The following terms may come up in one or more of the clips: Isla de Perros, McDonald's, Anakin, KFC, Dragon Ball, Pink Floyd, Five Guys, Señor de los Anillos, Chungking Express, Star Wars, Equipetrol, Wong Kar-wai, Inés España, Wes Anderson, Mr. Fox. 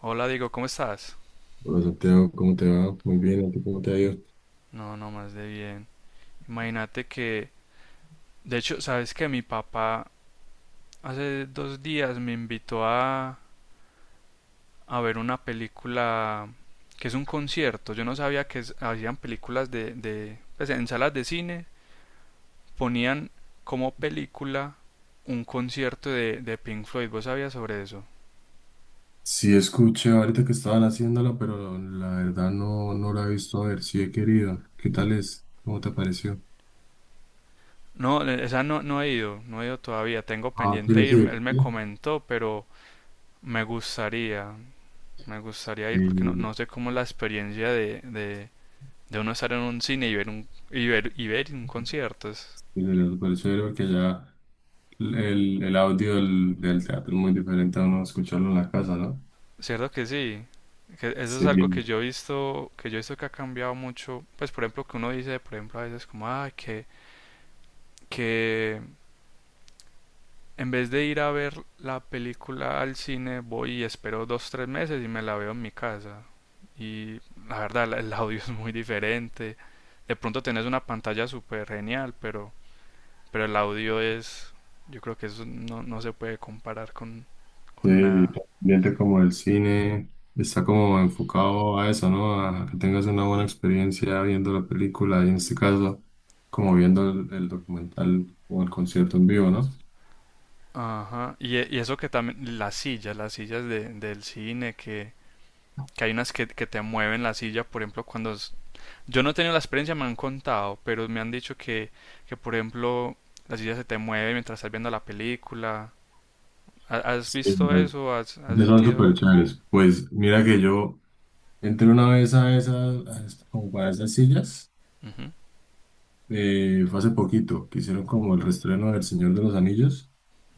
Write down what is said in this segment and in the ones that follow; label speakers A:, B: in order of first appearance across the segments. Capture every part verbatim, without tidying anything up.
A: Hola, digo, ¿cómo estás?
B: Hola Santiago, ¿cómo te va? Muy bien, ¿a ti cómo te ha ido?
A: No, no más de bien. Imagínate que, de hecho, sabes que mi papá hace dos días me invitó a, a ver una película que es un concierto. Yo no sabía que es- hacían películas de, de, pues en salas de cine ponían como película un concierto de, de Pink Floyd. ¿Vos sabías sobre eso?
B: Sí, escuché ahorita que estaban haciéndola, pero la verdad no, no la he visto. A ver, si he querido. ¿Qué tal es? ¿Cómo te pareció?
A: No, eh, esa no, no he ido, no he ido todavía. Tengo
B: Ah,
A: pendiente
B: ¿quieres
A: ir. Él
B: ir?
A: me
B: Sí,
A: comentó, pero me gustaría. Me gustaría ir porque no,
B: sí,
A: no sé cómo la experiencia de, de, de uno estar en un cine y ver un, y ver, y ver un concierto. Es
B: sí, me pareció ver porque ya el, el audio del, del teatro es muy diferente a uno escucharlo en la casa, ¿no?
A: cierto que sí. Que eso es
B: Sí.
A: algo que yo he visto, que yo he visto que ha cambiado mucho. Pues por ejemplo que uno dice, por ejemplo a veces como, ah, que, que en vez de ir a ver la película al cine, voy y espero dos, tres meses y me la veo en mi casa. Y la verdad, la- el audio es muy diferente. De pronto tenés una pantalla súper genial, pero Pero el audio es, yo creo que eso no, no se puede comparar con,
B: Sí,
A: con
B: el
A: nada.
B: ambiente como el cine está como enfocado a eso, ¿no? A que tengas una buena experiencia viendo la película y en este caso como viendo el, el documental o el concierto en vivo, ¿no?
A: Ajá. Y, e- y eso que también, las sillas, las sillas de- del cine, que, que hay unas que, que te mueven la silla, por ejemplo, cuando... es- Yo no he tenido la experiencia, me han contado, pero me han dicho que, que por ejemplo, la silla se te mueve mientras estás viendo la película. ¿Ha- ¿Has
B: Sí,
A: visto
B: me-
A: eso? ¿Has, has
B: ya son
A: sentido?
B: súper chéveres. Pues mira que yo entré una vez a esas, a esas- como para esas sillas,
A: Ujú,
B: eh, fue hace poquito, que hicieron como el reestreno del Señor de los Anillos.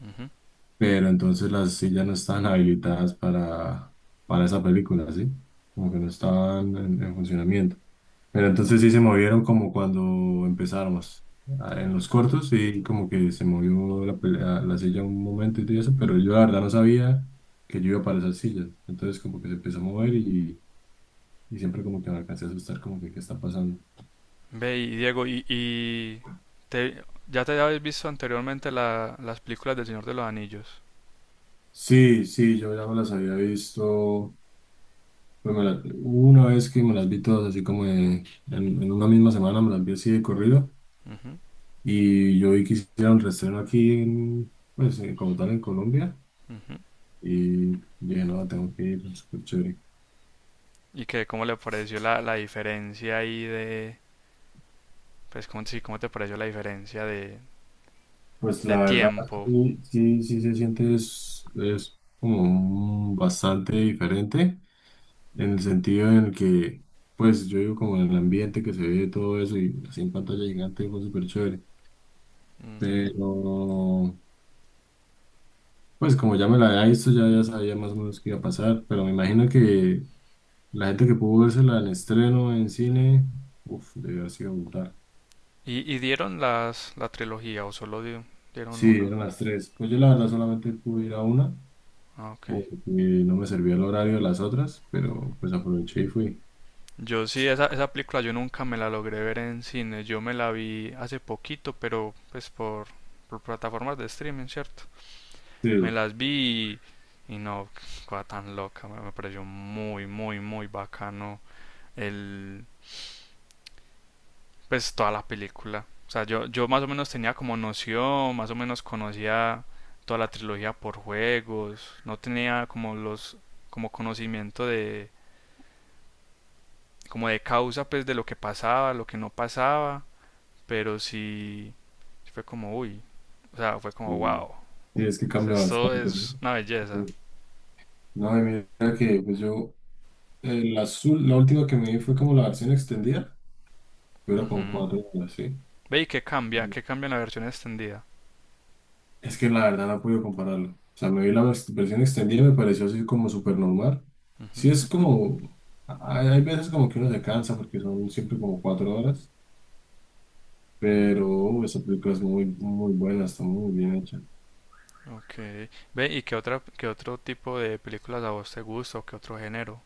A: ujú.
B: Pero entonces las sillas no estaban habilitadas para, para esa película, ¿sí? Como que no estaban en, en funcionamiento. Pero entonces sí se movieron como cuando empezáramos, ah, en los cortos y como que se movió la, pe- la, la silla un momento y todo eso, pero yo la verdad no sabía que yo iba para esas sillas. Entonces como que se empezó a mover y, y siempre como que me alcancé a asustar como que qué está pasando.
A: Ve, y Diego, y, y te- ya te habías visto anteriormente la- las películas del Señor de los Anillos.
B: Sí, sí, yo ya me las había visto. Pues me la- hubo una vez que me las vi todas así como de- en, en una misma semana, me las vi así de corrido.
A: Ujú,
B: Y yo vi que hicieron reestreno aquí, en, pues eh, como tal en Colombia
A: ujú.
B: y dije, no, tengo que ir, súper chévere.
A: ¿Y qué, cómo le pareció la, la diferencia ahí de, pues cómo, sí, cómo te pareció la diferencia de,
B: Pues
A: de
B: la verdad,
A: tiempo?
B: sí, sí, sí se siente es, es como un- bastante diferente en el sentido en el que, pues yo digo como en el ambiente que se ve todo eso y así en pantalla gigante fue súper chévere,
A: Ujú.
B: pero... Pues como ya me la había visto, ya, ya sabía más o menos qué iba a pasar, pero me imagino que la gente que pudo vérsela en estreno, en cine, uff, debió haber sido brutal.
A: ¿Y, ¿y dieron las, la trilogía o solo di- dieron
B: Sí,
A: una?
B: eran las tres. Pues yo la verdad solamente pude ir a una,
A: Ah, ok.
B: porque no me servía el horario de las otras, pero pues aproveché y fui.
A: Yo sí, esa, esa película yo nunca me la logré ver en cine, yo me la vi hace poquito, pero pues por, por plataformas de streaming, ¿cierto?
B: Sí,
A: Me las vi y, y no, cosa tan loca, me, me pareció muy, muy, muy bacano el pues toda la película. O sea, yo, yo más o menos tenía como noción, más o menos conocía toda la trilogía por juegos, no tenía como los, como conocimiento de, como de causa pues de lo que pasaba, lo que no pasaba, pero sí, sí fue como, uy, o sea, fue como,
B: sí,
A: wow,
B: sí, es que cambia
A: esto
B: bastante, ¿no?
A: es una belleza.
B: Sí. No, y mira que pues yo, el azul, la última que me vi fue como la versión extendida, pero con
A: Ujú.
B: cuatro horas, sí.
A: Ve y qué cambia, qué cambia en la versión extendida.
B: Es que la verdad no puedo compararlo. O sea, me vi la vers- versión extendida y me pareció así como súper normal.
A: Ujú,
B: Sí, es como. Hay, hay veces como que uno se cansa porque son siempre como cuatro horas. Pero uh, esa película es muy, muy buena, está muy bien hecha.
A: ok. Ve y qué otra, qué otro tipo de películas a vos te gusta o qué otro género.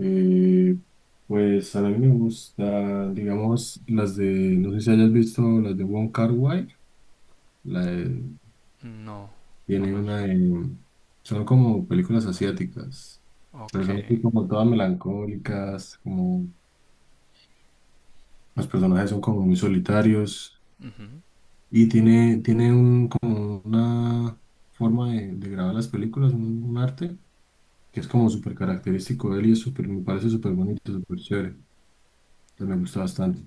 B: Eh, pues a mí me gusta, digamos, las de. No sé si hayas visto las de Wong Kar-wai. La de-
A: No, no
B: Tiene
A: me
B: una. De- son como películas asiáticas. Pero
A: Ok.
B: son así como todas melancólicas, como los personajes son como muy solitarios
A: Ujú.
B: y tiene, tiene un, como una forma de, de grabar las películas, un, un arte que es como súper característico de él y es súper, me parece súper bonito, súper chévere. Entonces, me gusta bastante.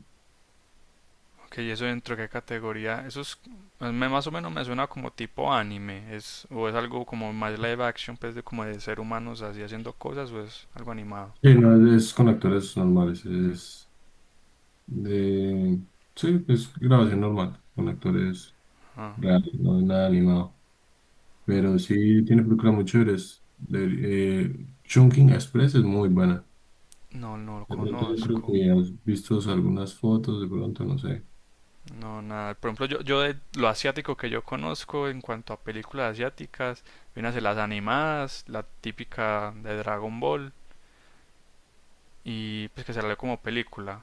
A: Ok, ¿y eso dentro de qué categoría? Eso es, pues, me- más o menos me suena como tipo anime, es, o es algo como más live action, pues de como de ser humanos así haciendo cosas, o es algo animado.
B: Sí, no es, es con actores normales, es de... Sí, es grabación normal, con actores
A: Ah,
B: reales, no es nada animado.
A: ah,
B: Pero sí tiene películas muy chéveres. De, eh, Chungking Express es muy buena.
A: no, no lo
B: De pronto yo creo
A: conozco.
B: que has visto algunas fotos, de pronto, no sé.
A: No, nada. Por ejemplo, yo, yo de lo asiático que yo conozco en cuanto a películas asiáticas, vienen a ser las animadas, la típica de Dragon Ball, y pues que sale como película.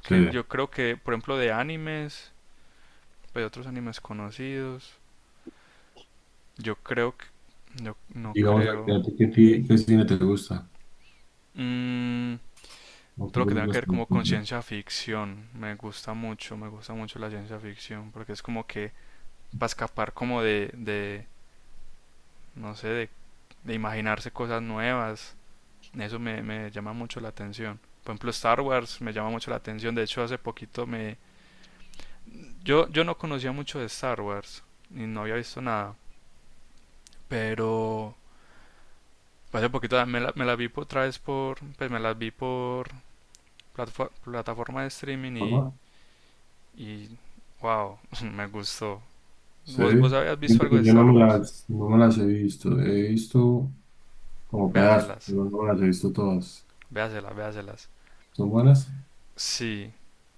B: Sí.
A: yo creo que, por ejemplo, de animes, pues de otros animes conocidos. Yo creo que... Yo no
B: Digamos,
A: creo...
B: ¿a ti qué, ti- qué cine te gusta?
A: Mm,
B: ¿O
A: todo
B: qué
A: lo que tenga que
B: películas
A: ver
B: te
A: como
B: gustan?
A: con
B: ¿De
A: ciencia ficción. Me gusta mucho, me gusta mucho la ciencia ficción. Porque es como que para escapar como de, de no sé, de, de imaginarse cosas nuevas. Eso me, me llama mucho la atención. Por ejemplo, Star Wars me llama mucho la atención. De hecho, hace poquito me... Yo, yo no conocía mucho de Star Wars. Y no había visto nada. Pero... Hace poquito me la, me la vi por- otra vez por... Pues me las vi por plataforma de streaming y,
B: forma?
A: y wow, me gustó.
B: Sí.
A: ¿Vos, ¿Vos habías visto
B: Fíjate
A: algo de
B: que yo no
A: Star
B: me
A: Wars?
B: las, no me las he visto. He visto como pedazos,
A: Véaselas,
B: pero no me las he visto todas.
A: véaselas, véaselas.
B: ¿Son buenas?
A: Sí.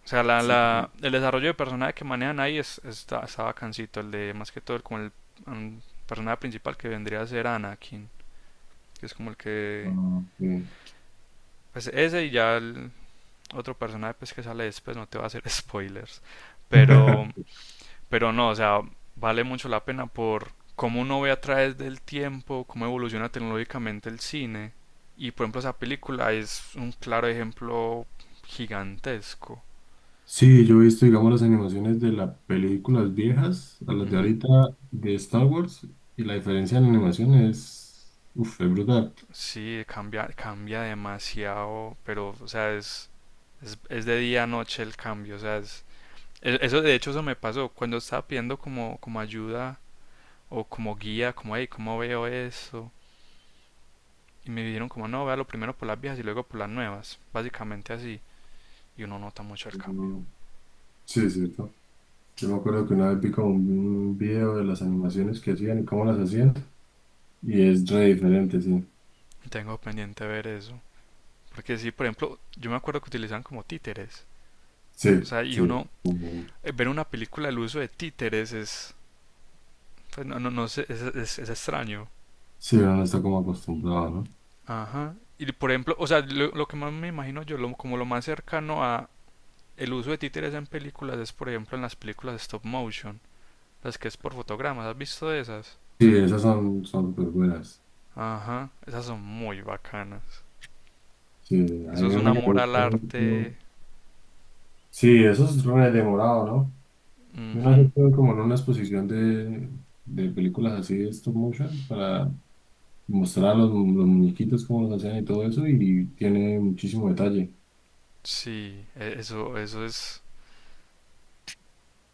A: O sea, la,
B: Sí.
A: la, el desarrollo de personaje que manejan ahí es, está, está bacancito. El de, más que todo, el, como el mm, personaje principal que vendría a ser Anakin. Que es como el que...
B: Ah, bien.
A: Pues ese y ya el otro personaje pues, que sale después. No te va a hacer spoilers. Pero Pero no, o sea, vale mucho la pena por cómo uno ve a través del tiempo, cómo evoluciona tecnológicamente el cine. Y por ejemplo, esa película es un claro ejemplo gigantesco.
B: Sí, yo he visto, digamos, las animaciones de las películas viejas a las de
A: Ujú.
B: ahorita de Star Wars y la diferencia en animación es, uf, es brutal.
A: Sí, cambia, cambia demasiado, pero, o sea, es, es, es de día a noche el cambio, o sea, es, e- eso de hecho eso me pasó cuando estaba pidiendo como, como ayuda o como guía, como, hey, ¿cómo veo eso? Y me dijeron como, no, vea lo primero por las viejas y luego por las nuevas, básicamente así. Y uno nota mucho el cambio.
B: Sí, es cierto. Yo me acuerdo que una vez vi como un, un video de las animaciones que hacían y cómo las hacían. Y es re diferente, sí.
A: Tengo pendiente ver eso. Porque sí, por ejemplo, yo me acuerdo que utilizaban como títeres.
B: Sí,
A: O sea, y
B: sí.
A: uno
B: Como-
A: eh, ver una película el uso de títeres es pues, no, no, no sé, es, es- es extraño.
B: sí, uno no está como acostumbrado, ¿no?
A: Ajá. Y por ejemplo, o sea, lo, lo que más me imagino yo, lo- como lo más cercano a el uso de títeres en películas es, por ejemplo, en las películas de stop motion, las que es por fotogramas. ¿Has visto de esas?
B: Sí, esas son, son súper buenas.
A: Ajá, esas son muy bacanas.
B: Sí, hay
A: Eso es un
B: una que me
A: amor al
B: gusta
A: arte.
B: mucho. Sí, eso es re demorado, ¿no? Yo una vez
A: Ujú.
B: estuve como en una exposición de, de películas así de stop motion para mostrar a los, los muñequitos cómo los hacían y todo eso. Y tiene muchísimo detalle.
A: Sí, e- eso, eso es.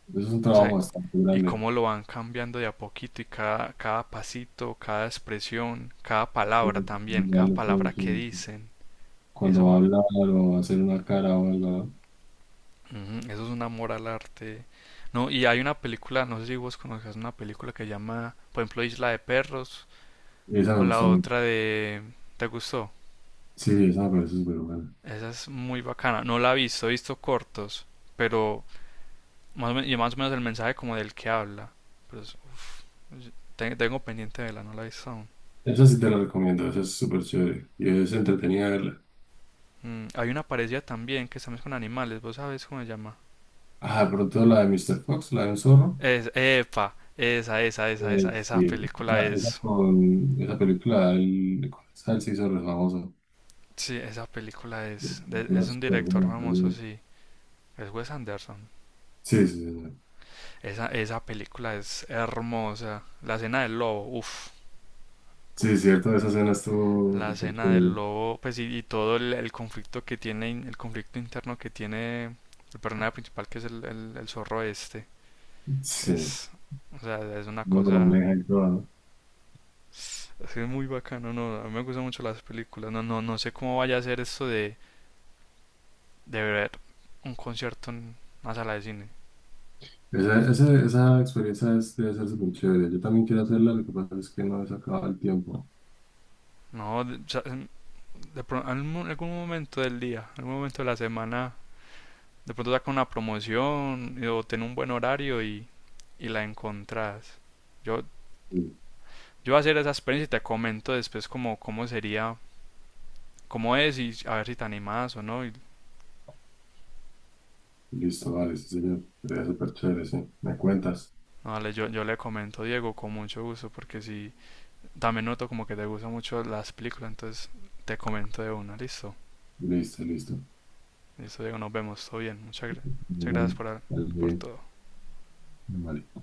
B: Eso es un
A: O sea,
B: trabajo bastante
A: y
B: grande.
A: cómo lo van cambiando de a poquito y cada, cada pasito, cada expresión, cada palabra también,
B: Ya
A: cada
B: lo
A: palabra
B: produce.
A: que dicen.
B: Cuando
A: Eso
B: va a
A: va-
B: hablar o va a hacer una cara o algo.
A: ujú, eso es un amor al arte. No, y hay una película, no sé si vos conozcas una película que llama, por ejemplo, Isla de Perros
B: ¿No? Esa
A: o
B: me
A: la
B: gusta mucho.
A: otra de ¿te gustó?
B: Sí, sí, esa me parece súper buena.
A: Esa es muy bacana. No la he visto, he visto cortos, pero más o men- y más o menos el mensaje como del que habla. Pero es- uf, te- tengo pendiente de verla, no la he visto aún.
B: Esa sí te la recomiendo, esa es súper chévere. Y es entretenida verla.
A: Mm, hay una parecida también que estamos con animales, ¿vos sabes cómo se llama?
B: Ah, de pronto la de mister Fox, la de un zorro.
A: Es, epa, esa, esa, esa,
B: Eh,
A: esa, esa
B: sí,
A: película
B: esa, esa
A: es.
B: con esa película, el, con esa se hizo re famoso.
A: Sí, esa película
B: Eh,
A: es. de- es
B: Una
A: un
B: súper
A: director
B: buena
A: famoso,
B: también.
A: sí. Es Wes Anderson.
B: Sí, sí, sí. Sí.
A: Esa, esa película es hermosa. La escena del lobo, uff.
B: Sí, cierto, esa escena estuvo
A: La
B: súper
A: escena del
B: chévere.
A: lobo, pues y, y todo el, el conflicto que tiene, in- el conflicto interno que tiene el personaje principal, que es el, el, el zorro este.
B: Sí,
A: Es, o sea, es una
B: bueno,
A: cosa.
B: me deja.
A: Sí, es muy bacano, no, a mí me gustan mucho las películas. No, no, no sé cómo vaya a ser esto de, de ver un concierto en una sala de cine.
B: Esa, esa, esa experiencia es- debe ser súper chévere. Yo también quiero hacerla, lo que pasa es que no he sacado el tiempo.
A: No, de, o sea, en de pro- algún, algún momento del día, algún momento de la semana, de pronto sacan una promoción y- o tienen un buen horario y, y la encontrás. Yo,
B: Sí.
A: yo voy a hacer esa experiencia y te comento después cómo, cómo sería, cómo es y a ver si te animás o no. Y,
B: Listo, vale, sí, señor. Debe ser súper chévere, sí. ¿Me cuentas?
A: no, dale, yo, yo le comento a Diego con mucho gusto porque sí también noto como que te gustan mucho las películas, entonces te comento de una, listo.
B: Listo, listo.
A: Listo, Diego, nos vemos, todo bien. Muchas, gra- muchas gracias
B: Bueno,
A: por,
B: vale,
A: por
B: bien.
A: todo.
B: Vale.